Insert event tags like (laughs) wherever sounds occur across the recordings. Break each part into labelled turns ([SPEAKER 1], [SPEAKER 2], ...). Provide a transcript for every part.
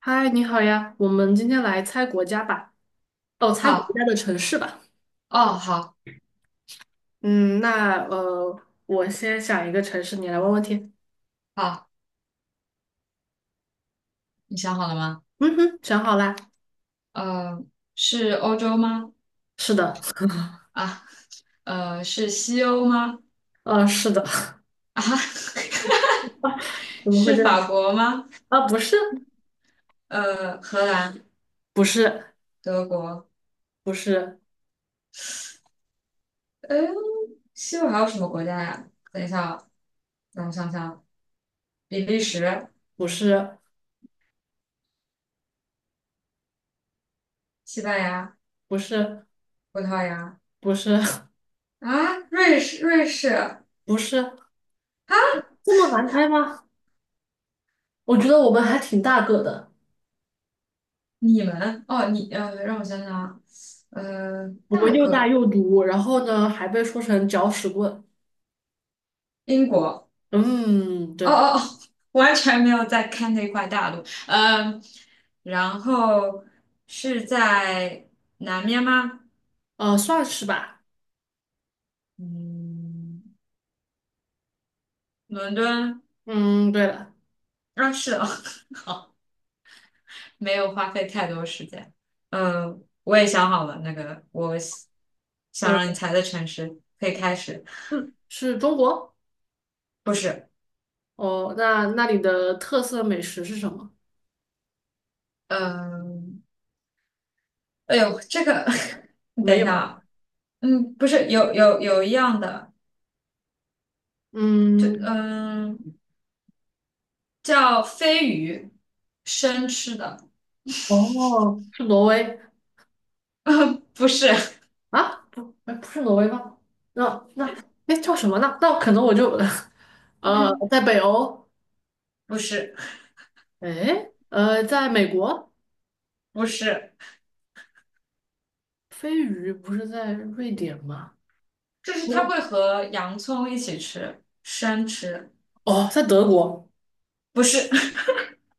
[SPEAKER 1] 嗨，你好呀，我们今天来猜国家吧，哦，猜国
[SPEAKER 2] 好。
[SPEAKER 1] 家的城市吧。
[SPEAKER 2] 哦，好。
[SPEAKER 1] 嗯，那呃，我先想一个城市，你来问问题。
[SPEAKER 2] 好。你想好了吗？
[SPEAKER 1] 嗯哼，想好啦。
[SPEAKER 2] 呃，是欧洲吗？
[SPEAKER 1] 是的，
[SPEAKER 2] 啊，是西欧吗？
[SPEAKER 1] (laughs) 是的，
[SPEAKER 2] 啊，(laughs)
[SPEAKER 1] 怎么会
[SPEAKER 2] 是
[SPEAKER 1] 这
[SPEAKER 2] 法
[SPEAKER 1] 样？
[SPEAKER 2] 国吗？
[SPEAKER 1] 啊，不是，
[SPEAKER 2] 荷兰、
[SPEAKER 1] 不是，
[SPEAKER 2] 德国，
[SPEAKER 1] 不是，
[SPEAKER 2] 哎，西欧还有什么国家呀？等一下啊，让我想想啊，比利时、
[SPEAKER 1] 不是，
[SPEAKER 2] 西班牙、
[SPEAKER 1] 不是，
[SPEAKER 2] 葡萄牙，
[SPEAKER 1] 不是，
[SPEAKER 2] 啊，瑞士、瑞士，啊，
[SPEAKER 1] 不是，这么难猜吗？我觉得我们还挺大个的，
[SPEAKER 2] 你们哦，让我想想啊，
[SPEAKER 1] 我们
[SPEAKER 2] 大
[SPEAKER 1] 又大
[SPEAKER 2] 个
[SPEAKER 1] 又毒，然后呢还被说成搅屎棍。
[SPEAKER 2] 英国。
[SPEAKER 1] 嗯，
[SPEAKER 2] 哦
[SPEAKER 1] 对，
[SPEAKER 2] 哦哦，完全没有在看那块大陆，嗯，然后是在南面吗？
[SPEAKER 1] 算是吧。
[SPEAKER 2] 嗯，伦敦。
[SPEAKER 1] 嗯，对了。
[SPEAKER 2] 啊，是哦。(laughs) 好，没有花费太多时间。嗯，我也想好了，那个我想
[SPEAKER 1] 呃
[SPEAKER 2] 让你猜的城市可以开始。
[SPEAKER 1] 嗯，是中国？
[SPEAKER 2] 不是。
[SPEAKER 1] 哦，那那里的特色美食是什么？
[SPEAKER 2] 嗯，哎呦，这个，(laughs) 你
[SPEAKER 1] 没
[SPEAKER 2] 等一下
[SPEAKER 1] 有。
[SPEAKER 2] 啊。嗯，不是，有一样的，这
[SPEAKER 1] 嗯，
[SPEAKER 2] 嗯。叫飞鱼，生吃的。
[SPEAKER 1] 哦，是挪威
[SPEAKER 2] (laughs) 不是。
[SPEAKER 1] 啊？不，哎，不是挪威吗？那哎叫什么呢？那可能我就 (laughs)
[SPEAKER 2] (laughs)
[SPEAKER 1] 在北欧，
[SPEAKER 2] 不是，
[SPEAKER 1] 哎，在美国，
[SPEAKER 2] 不是，
[SPEAKER 1] 飞鱼不是在瑞典吗？
[SPEAKER 2] 就是
[SPEAKER 1] 嗯
[SPEAKER 2] 它会和洋葱一起吃，生吃。
[SPEAKER 1] 哦，在德国。
[SPEAKER 2] 不是。(laughs)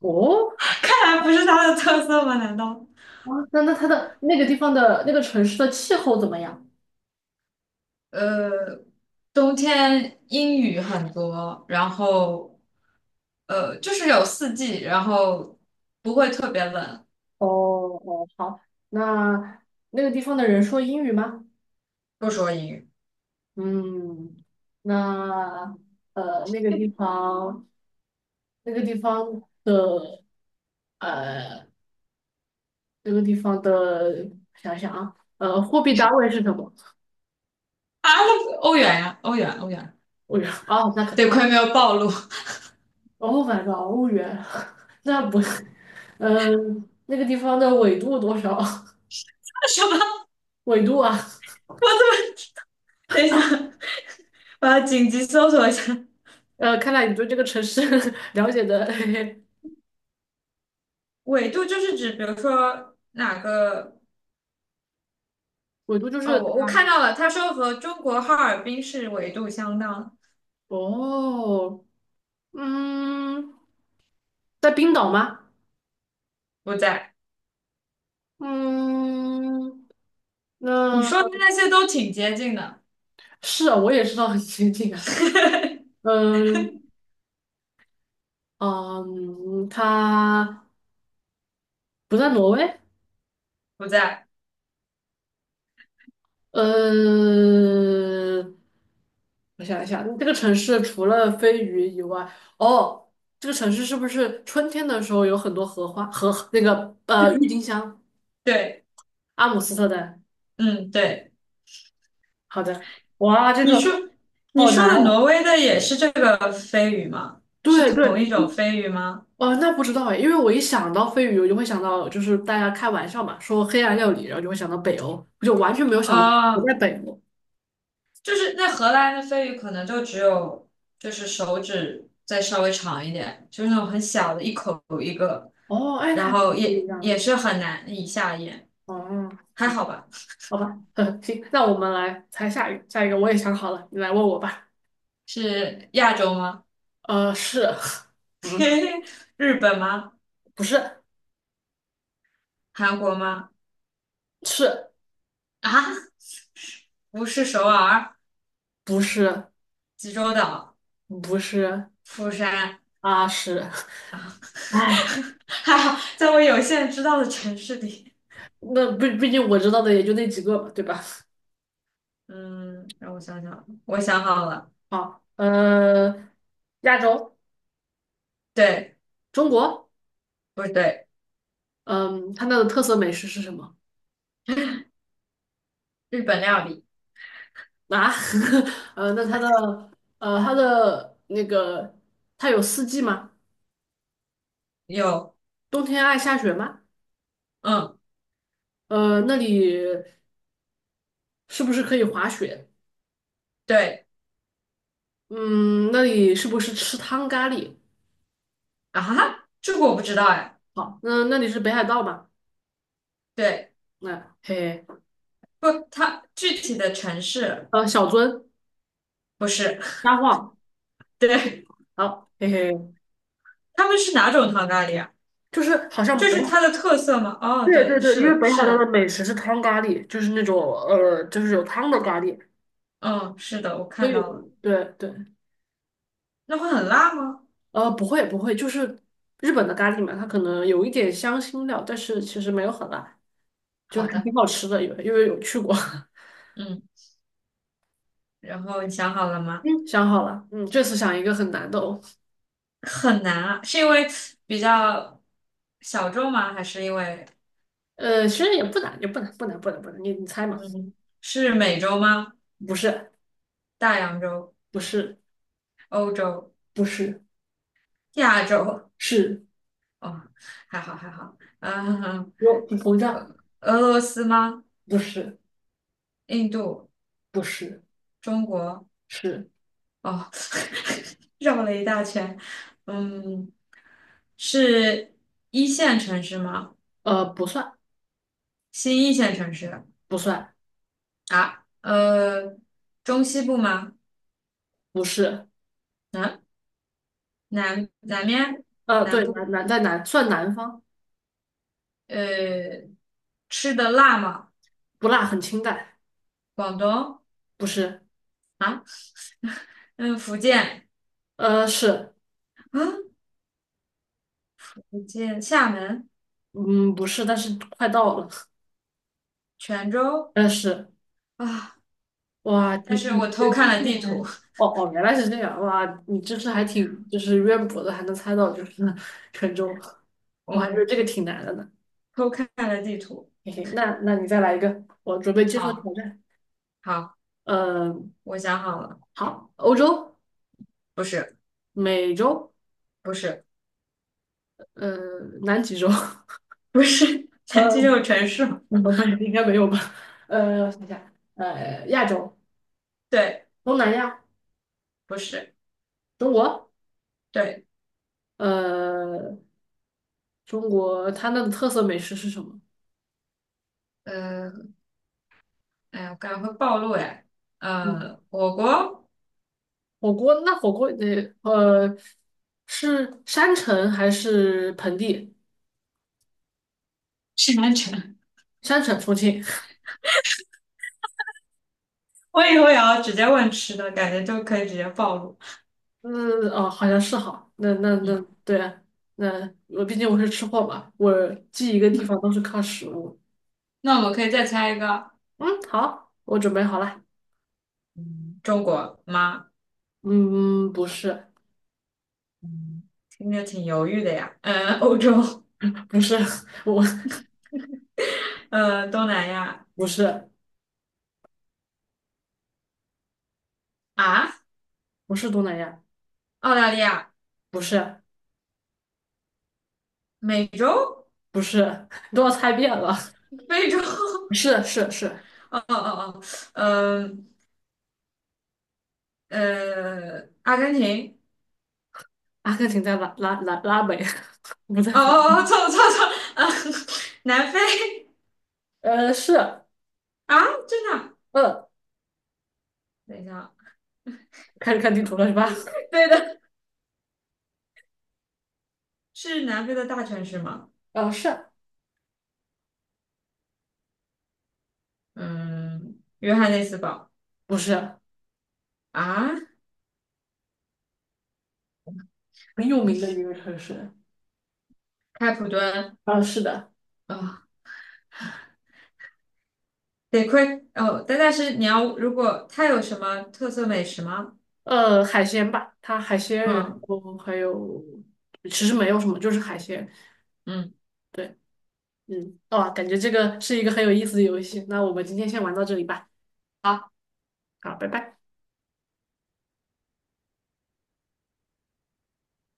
[SPEAKER 1] 哦，
[SPEAKER 2] 看来不是它的特色吗？难道？
[SPEAKER 1] 啊那那它的那个地方的那个城市的气候怎么样？
[SPEAKER 2] 呃，冬天阴雨很多，然后就是有四季，然后不会特别冷。
[SPEAKER 1] 哦哦，好，那那个地方的人说英语吗？
[SPEAKER 2] 不说英语。
[SPEAKER 1] 嗯，那呃，那个地方，那个地方的呃，那个地方的，想想啊，货币单位是什么？
[SPEAKER 2] 啊，那欧元呀，欧元，欧元，
[SPEAKER 1] 欧元哦，那可
[SPEAKER 2] 得
[SPEAKER 1] 太
[SPEAKER 2] 亏没有暴露。
[SPEAKER 1] 哦，反正欧元，(laughs) 那不是，那个地方的纬度多少？
[SPEAKER 2] (laughs) 什么？我
[SPEAKER 1] (laughs) 纬度啊，
[SPEAKER 2] 怎么？(laughs) 等一下，(laughs) 我要紧急搜索一下。
[SPEAKER 1] 看来你对这个城市 (laughs) 了解的
[SPEAKER 2] 纬度就是指，比如说哪个？
[SPEAKER 1] (laughs) 纬度就
[SPEAKER 2] 哦，
[SPEAKER 1] 是
[SPEAKER 2] 我看到了，他说和中国哈尔滨市纬度相当。
[SPEAKER 1] 哦，嗯，在冰岛吗？
[SPEAKER 2] 不在。
[SPEAKER 1] 嗯，那。
[SPEAKER 2] 你说的那些都挺接近的。
[SPEAKER 1] 是啊，我也知道很先进啊。
[SPEAKER 2] (laughs)
[SPEAKER 1] 嗯嗯，他不在挪威。
[SPEAKER 2] 不在。
[SPEAKER 1] 呃，我想一下，这个城市除了飞鱼以外，哦，这个城市是不是春天的时候有很多荷花和那个郁金香？
[SPEAKER 2] 对。
[SPEAKER 1] 阿姆斯特丹。
[SPEAKER 2] 嗯，对。
[SPEAKER 1] 好的，哇，这
[SPEAKER 2] 你说
[SPEAKER 1] 个
[SPEAKER 2] 你
[SPEAKER 1] 好难
[SPEAKER 2] 说的
[SPEAKER 1] 呀。
[SPEAKER 2] 挪威的也是这个飞鱼吗？是
[SPEAKER 1] 对
[SPEAKER 2] 同一
[SPEAKER 1] 对，
[SPEAKER 2] 种飞鱼吗？
[SPEAKER 1] 哦，那不知道哎，因为我一想到飞鱼，我就会想到，就是大家开玩笑嘛，说黑暗料理，然后就会想到北欧，我就完全没有想到不在
[SPEAKER 2] 哦，
[SPEAKER 1] 北欧。
[SPEAKER 2] 就是那荷兰的鲱鱼可能就只有就是手指再稍微长一点，就是那种很小的，一口一个，
[SPEAKER 1] 哦，哎，那
[SPEAKER 2] 然
[SPEAKER 1] 还
[SPEAKER 2] 后
[SPEAKER 1] 不一
[SPEAKER 2] 也
[SPEAKER 1] 样
[SPEAKER 2] 也
[SPEAKER 1] 的。
[SPEAKER 2] 是很难以下咽，
[SPEAKER 1] 哦，
[SPEAKER 2] 还
[SPEAKER 1] 行，吧，
[SPEAKER 2] 好吧？
[SPEAKER 1] 好吧，(laughs) 嗯，行，那我们来猜下一个，下一个我也想好了，你来问我吧。
[SPEAKER 2] 是亚洲吗？
[SPEAKER 1] 是，嗯，
[SPEAKER 2] (laughs) 日本吗？
[SPEAKER 1] 不是，
[SPEAKER 2] 韩国吗？
[SPEAKER 1] 是，
[SPEAKER 2] 啊，不是首尔、
[SPEAKER 1] 不是，
[SPEAKER 2] 济州岛、
[SPEAKER 1] 不是，
[SPEAKER 2] 釜山。
[SPEAKER 1] 啊，是，
[SPEAKER 2] 啊，
[SPEAKER 1] 哎，
[SPEAKER 2] (laughs) 还好在我有限知道的城市里。
[SPEAKER 1] 那毕竟我知道的也就那几个嘛，对吧？
[SPEAKER 2] 嗯，让我想想，我想好了。
[SPEAKER 1] 好，亚洲，
[SPEAKER 2] 对。
[SPEAKER 1] 中国，
[SPEAKER 2] 不对。
[SPEAKER 1] 嗯，它那的特色美食是什么？
[SPEAKER 2] 日本料理。
[SPEAKER 1] 啊，(laughs) 呃，那它的呃，它的那个，它有四季吗？
[SPEAKER 2] 有。
[SPEAKER 1] 冬天爱下雪吗？
[SPEAKER 2] 嗯，
[SPEAKER 1] 那里是不是可以滑雪？
[SPEAKER 2] 对。
[SPEAKER 1] 嗯，那里是不是吃汤咖喱？
[SPEAKER 2] 啊哈，这个我不知道哎。
[SPEAKER 1] 好，那那里是北海道吗？
[SPEAKER 2] 对。
[SPEAKER 1] 那、嘿嘿，
[SPEAKER 2] 不，它具体的城市
[SPEAKER 1] 小樽、
[SPEAKER 2] 不是。
[SPEAKER 1] 札幌，
[SPEAKER 2] (laughs) 对。
[SPEAKER 1] 好，嘿嘿，
[SPEAKER 2] 他们是哪种糖咖喱啊？
[SPEAKER 1] 就是好像
[SPEAKER 2] 这
[SPEAKER 1] 北
[SPEAKER 2] 是它
[SPEAKER 1] 海，
[SPEAKER 2] 的特色吗？哦，
[SPEAKER 1] 对
[SPEAKER 2] 对，
[SPEAKER 1] 对对，
[SPEAKER 2] 是
[SPEAKER 1] 因为
[SPEAKER 2] 的，
[SPEAKER 1] 北海
[SPEAKER 2] 是
[SPEAKER 1] 道的
[SPEAKER 2] 的。
[SPEAKER 1] 美食是汤咖喱，就是那种就是有汤的咖喱，
[SPEAKER 2] 嗯，是的，我
[SPEAKER 1] 所
[SPEAKER 2] 看
[SPEAKER 1] 以
[SPEAKER 2] 到了。
[SPEAKER 1] 对对，
[SPEAKER 2] 那会很辣吗？
[SPEAKER 1] 不会不会，就是日本的咖喱嘛，它可能有一点香辛料，但是其实没有很辣，就
[SPEAKER 2] 好
[SPEAKER 1] 还
[SPEAKER 2] 的。
[SPEAKER 1] 挺好吃的，因为有去过。(laughs)
[SPEAKER 2] 嗯，然后你想好了吗？
[SPEAKER 1] 嗯，想好了，嗯，这次想一个很难的哦。
[SPEAKER 2] 很难啊，是因为比较小众吗？还是因为
[SPEAKER 1] 其实也不难，也不难，不难，不难，不难。你猜嘛？
[SPEAKER 2] 嗯，是美洲吗？
[SPEAKER 1] 不是，
[SPEAKER 2] 大洋洲、
[SPEAKER 1] 不是，
[SPEAKER 2] 欧洲、
[SPEAKER 1] 不是，
[SPEAKER 2] 亚洲？
[SPEAKER 1] 是
[SPEAKER 2] 哦，还好还好。(laughs) 嗯，
[SPEAKER 1] 有膨胀？
[SPEAKER 2] 俄罗斯吗？
[SPEAKER 1] 不是，
[SPEAKER 2] 印度、
[SPEAKER 1] 不是，
[SPEAKER 2] 中国？
[SPEAKER 1] 是
[SPEAKER 2] 哦，(laughs) 绕了一大圈。嗯，是一线城市吗？
[SPEAKER 1] 不算，
[SPEAKER 2] 新一线城市？
[SPEAKER 1] 不算，
[SPEAKER 2] 啊？中西部吗？
[SPEAKER 1] 不是。
[SPEAKER 2] 南南面南
[SPEAKER 1] 对，
[SPEAKER 2] 部？
[SPEAKER 1] 南在南算南方，
[SPEAKER 2] 呃，吃的辣吗？
[SPEAKER 1] 不辣，很清淡，
[SPEAKER 2] 广东？
[SPEAKER 1] 不是。
[SPEAKER 2] 啊？嗯，福建？
[SPEAKER 1] 是，
[SPEAKER 2] 啊？福建厦门、
[SPEAKER 1] 嗯，不是，但是快到了。
[SPEAKER 2] 泉州？
[SPEAKER 1] 但是，
[SPEAKER 2] 啊？
[SPEAKER 1] 哇，你
[SPEAKER 2] 但是
[SPEAKER 1] 你
[SPEAKER 2] 我偷
[SPEAKER 1] 对知
[SPEAKER 2] 看了
[SPEAKER 1] 识
[SPEAKER 2] 地
[SPEAKER 1] 还，
[SPEAKER 2] 图。
[SPEAKER 1] 哦哦，原来是这样，哇，你知识还挺就是渊博的，还能猜到就是 (laughs) 沉重，我还觉得
[SPEAKER 2] 嗯，
[SPEAKER 1] 这个挺难的呢。
[SPEAKER 2] 偷看了地图。
[SPEAKER 1] 嘿嘿，那那你再来一个，我准备接受
[SPEAKER 2] 好。
[SPEAKER 1] 挑战。
[SPEAKER 2] 好，
[SPEAKER 1] 嗯、
[SPEAKER 2] 我想好了。
[SPEAKER 1] 好，欧洲、
[SPEAKER 2] 不是。
[SPEAKER 1] 美洲、
[SPEAKER 2] 不是。
[SPEAKER 1] 呃，南极洲，(laughs)
[SPEAKER 2] 不是。(laughs) 南极这
[SPEAKER 1] 呃，
[SPEAKER 2] 就有城市吗？
[SPEAKER 1] 不对，应该没有吧？我想想，亚洲、
[SPEAKER 2] 对。
[SPEAKER 1] 东南亚、
[SPEAKER 2] 不是。
[SPEAKER 1] 中国，
[SPEAKER 2] 对。
[SPEAKER 1] 呃，中国它那的特色美食是什么？
[SPEAKER 2] 呃，哎呀，我感觉会暴露哎，
[SPEAKER 1] 嗯。
[SPEAKER 2] 我国
[SPEAKER 1] 火锅那火锅得是山城还是盆地？
[SPEAKER 2] (laughs) 是南城。
[SPEAKER 1] 山城重庆，
[SPEAKER 2] (laughs) 我以后也要直接问吃的，感觉就可以直接暴露。
[SPEAKER 1] 嗯哦好像是哈，那
[SPEAKER 2] 嗯，
[SPEAKER 1] 对啊，那我毕竟我是吃货嘛，我记一个地方都是靠食物。
[SPEAKER 2] 那我们可以再猜一个。
[SPEAKER 1] 嗯，好，我准备好了。
[SPEAKER 2] 嗯，中国吗？
[SPEAKER 1] 嗯，不是
[SPEAKER 2] 嗯，听着挺犹豫的呀。嗯，欧洲。
[SPEAKER 1] 不是，(laughs) 我
[SPEAKER 2] (laughs) 东南亚。
[SPEAKER 1] 不是
[SPEAKER 2] 啊，
[SPEAKER 1] 不是东南亚，
[SPEAKER 2] 澳大利亚。
[SPEAKER 1] 不是
[SPEAKER 2] 美洲。
[SPEAKER 1] 不是，你都要猜遍了，
[SPEAKER 2] (laughs) 非洲。
[SPEAKER 1] 是是是，
[SPEAKER 2] (laughs) 哦哦哦。哦，嗯，阿根廷。
[SPEAKER 1] 阿根廷在拉美，(laughs) 不在
[SPEAKER 2] 哦
[SPEAKER 1] 非洲。
[SPEAKER 2] 哦哦，错了,啊。(laughs) 南非。
[SPEAKER 1] 是。
[SPEAKER 2] 啊，真的啊？
[SPEAKER 1] 嗯。
[SPEAKER 2] 等一下啊。
[SPEAKER 1] 开始看地图了是吧？
[SPEAKER 2] 对的。是南非的大城市吗？
[SPEAKER 1] (laughs) 啊，是
[SPEAKER 2] 嗯，约翰内斯堡。
[SPEAKER 1] 不是
[SPEAKER 2] 啊，
[SPEAKER 1] 很有名的一个城市？
[SPEAKER 2] 开普敦。
[SPEAKER 1] 啊，是的，
[SPEAKER 2] 啊，得亏哦，但是你要如果它有什么特色美食吗？
[SPEAKER 1] 海鲜吧，它海鲜，然
[SPEAKER 2] 嗯。
[SPEAKER 1] 后还有其实没有什么，就是海鲜。
[SPEAKER 2] 嗯。
[SPEAKER 1] 对，嗯，哦，感觉这个是一个很有意思的游戏。那我们今天先玩到这里吧。好，拜拜。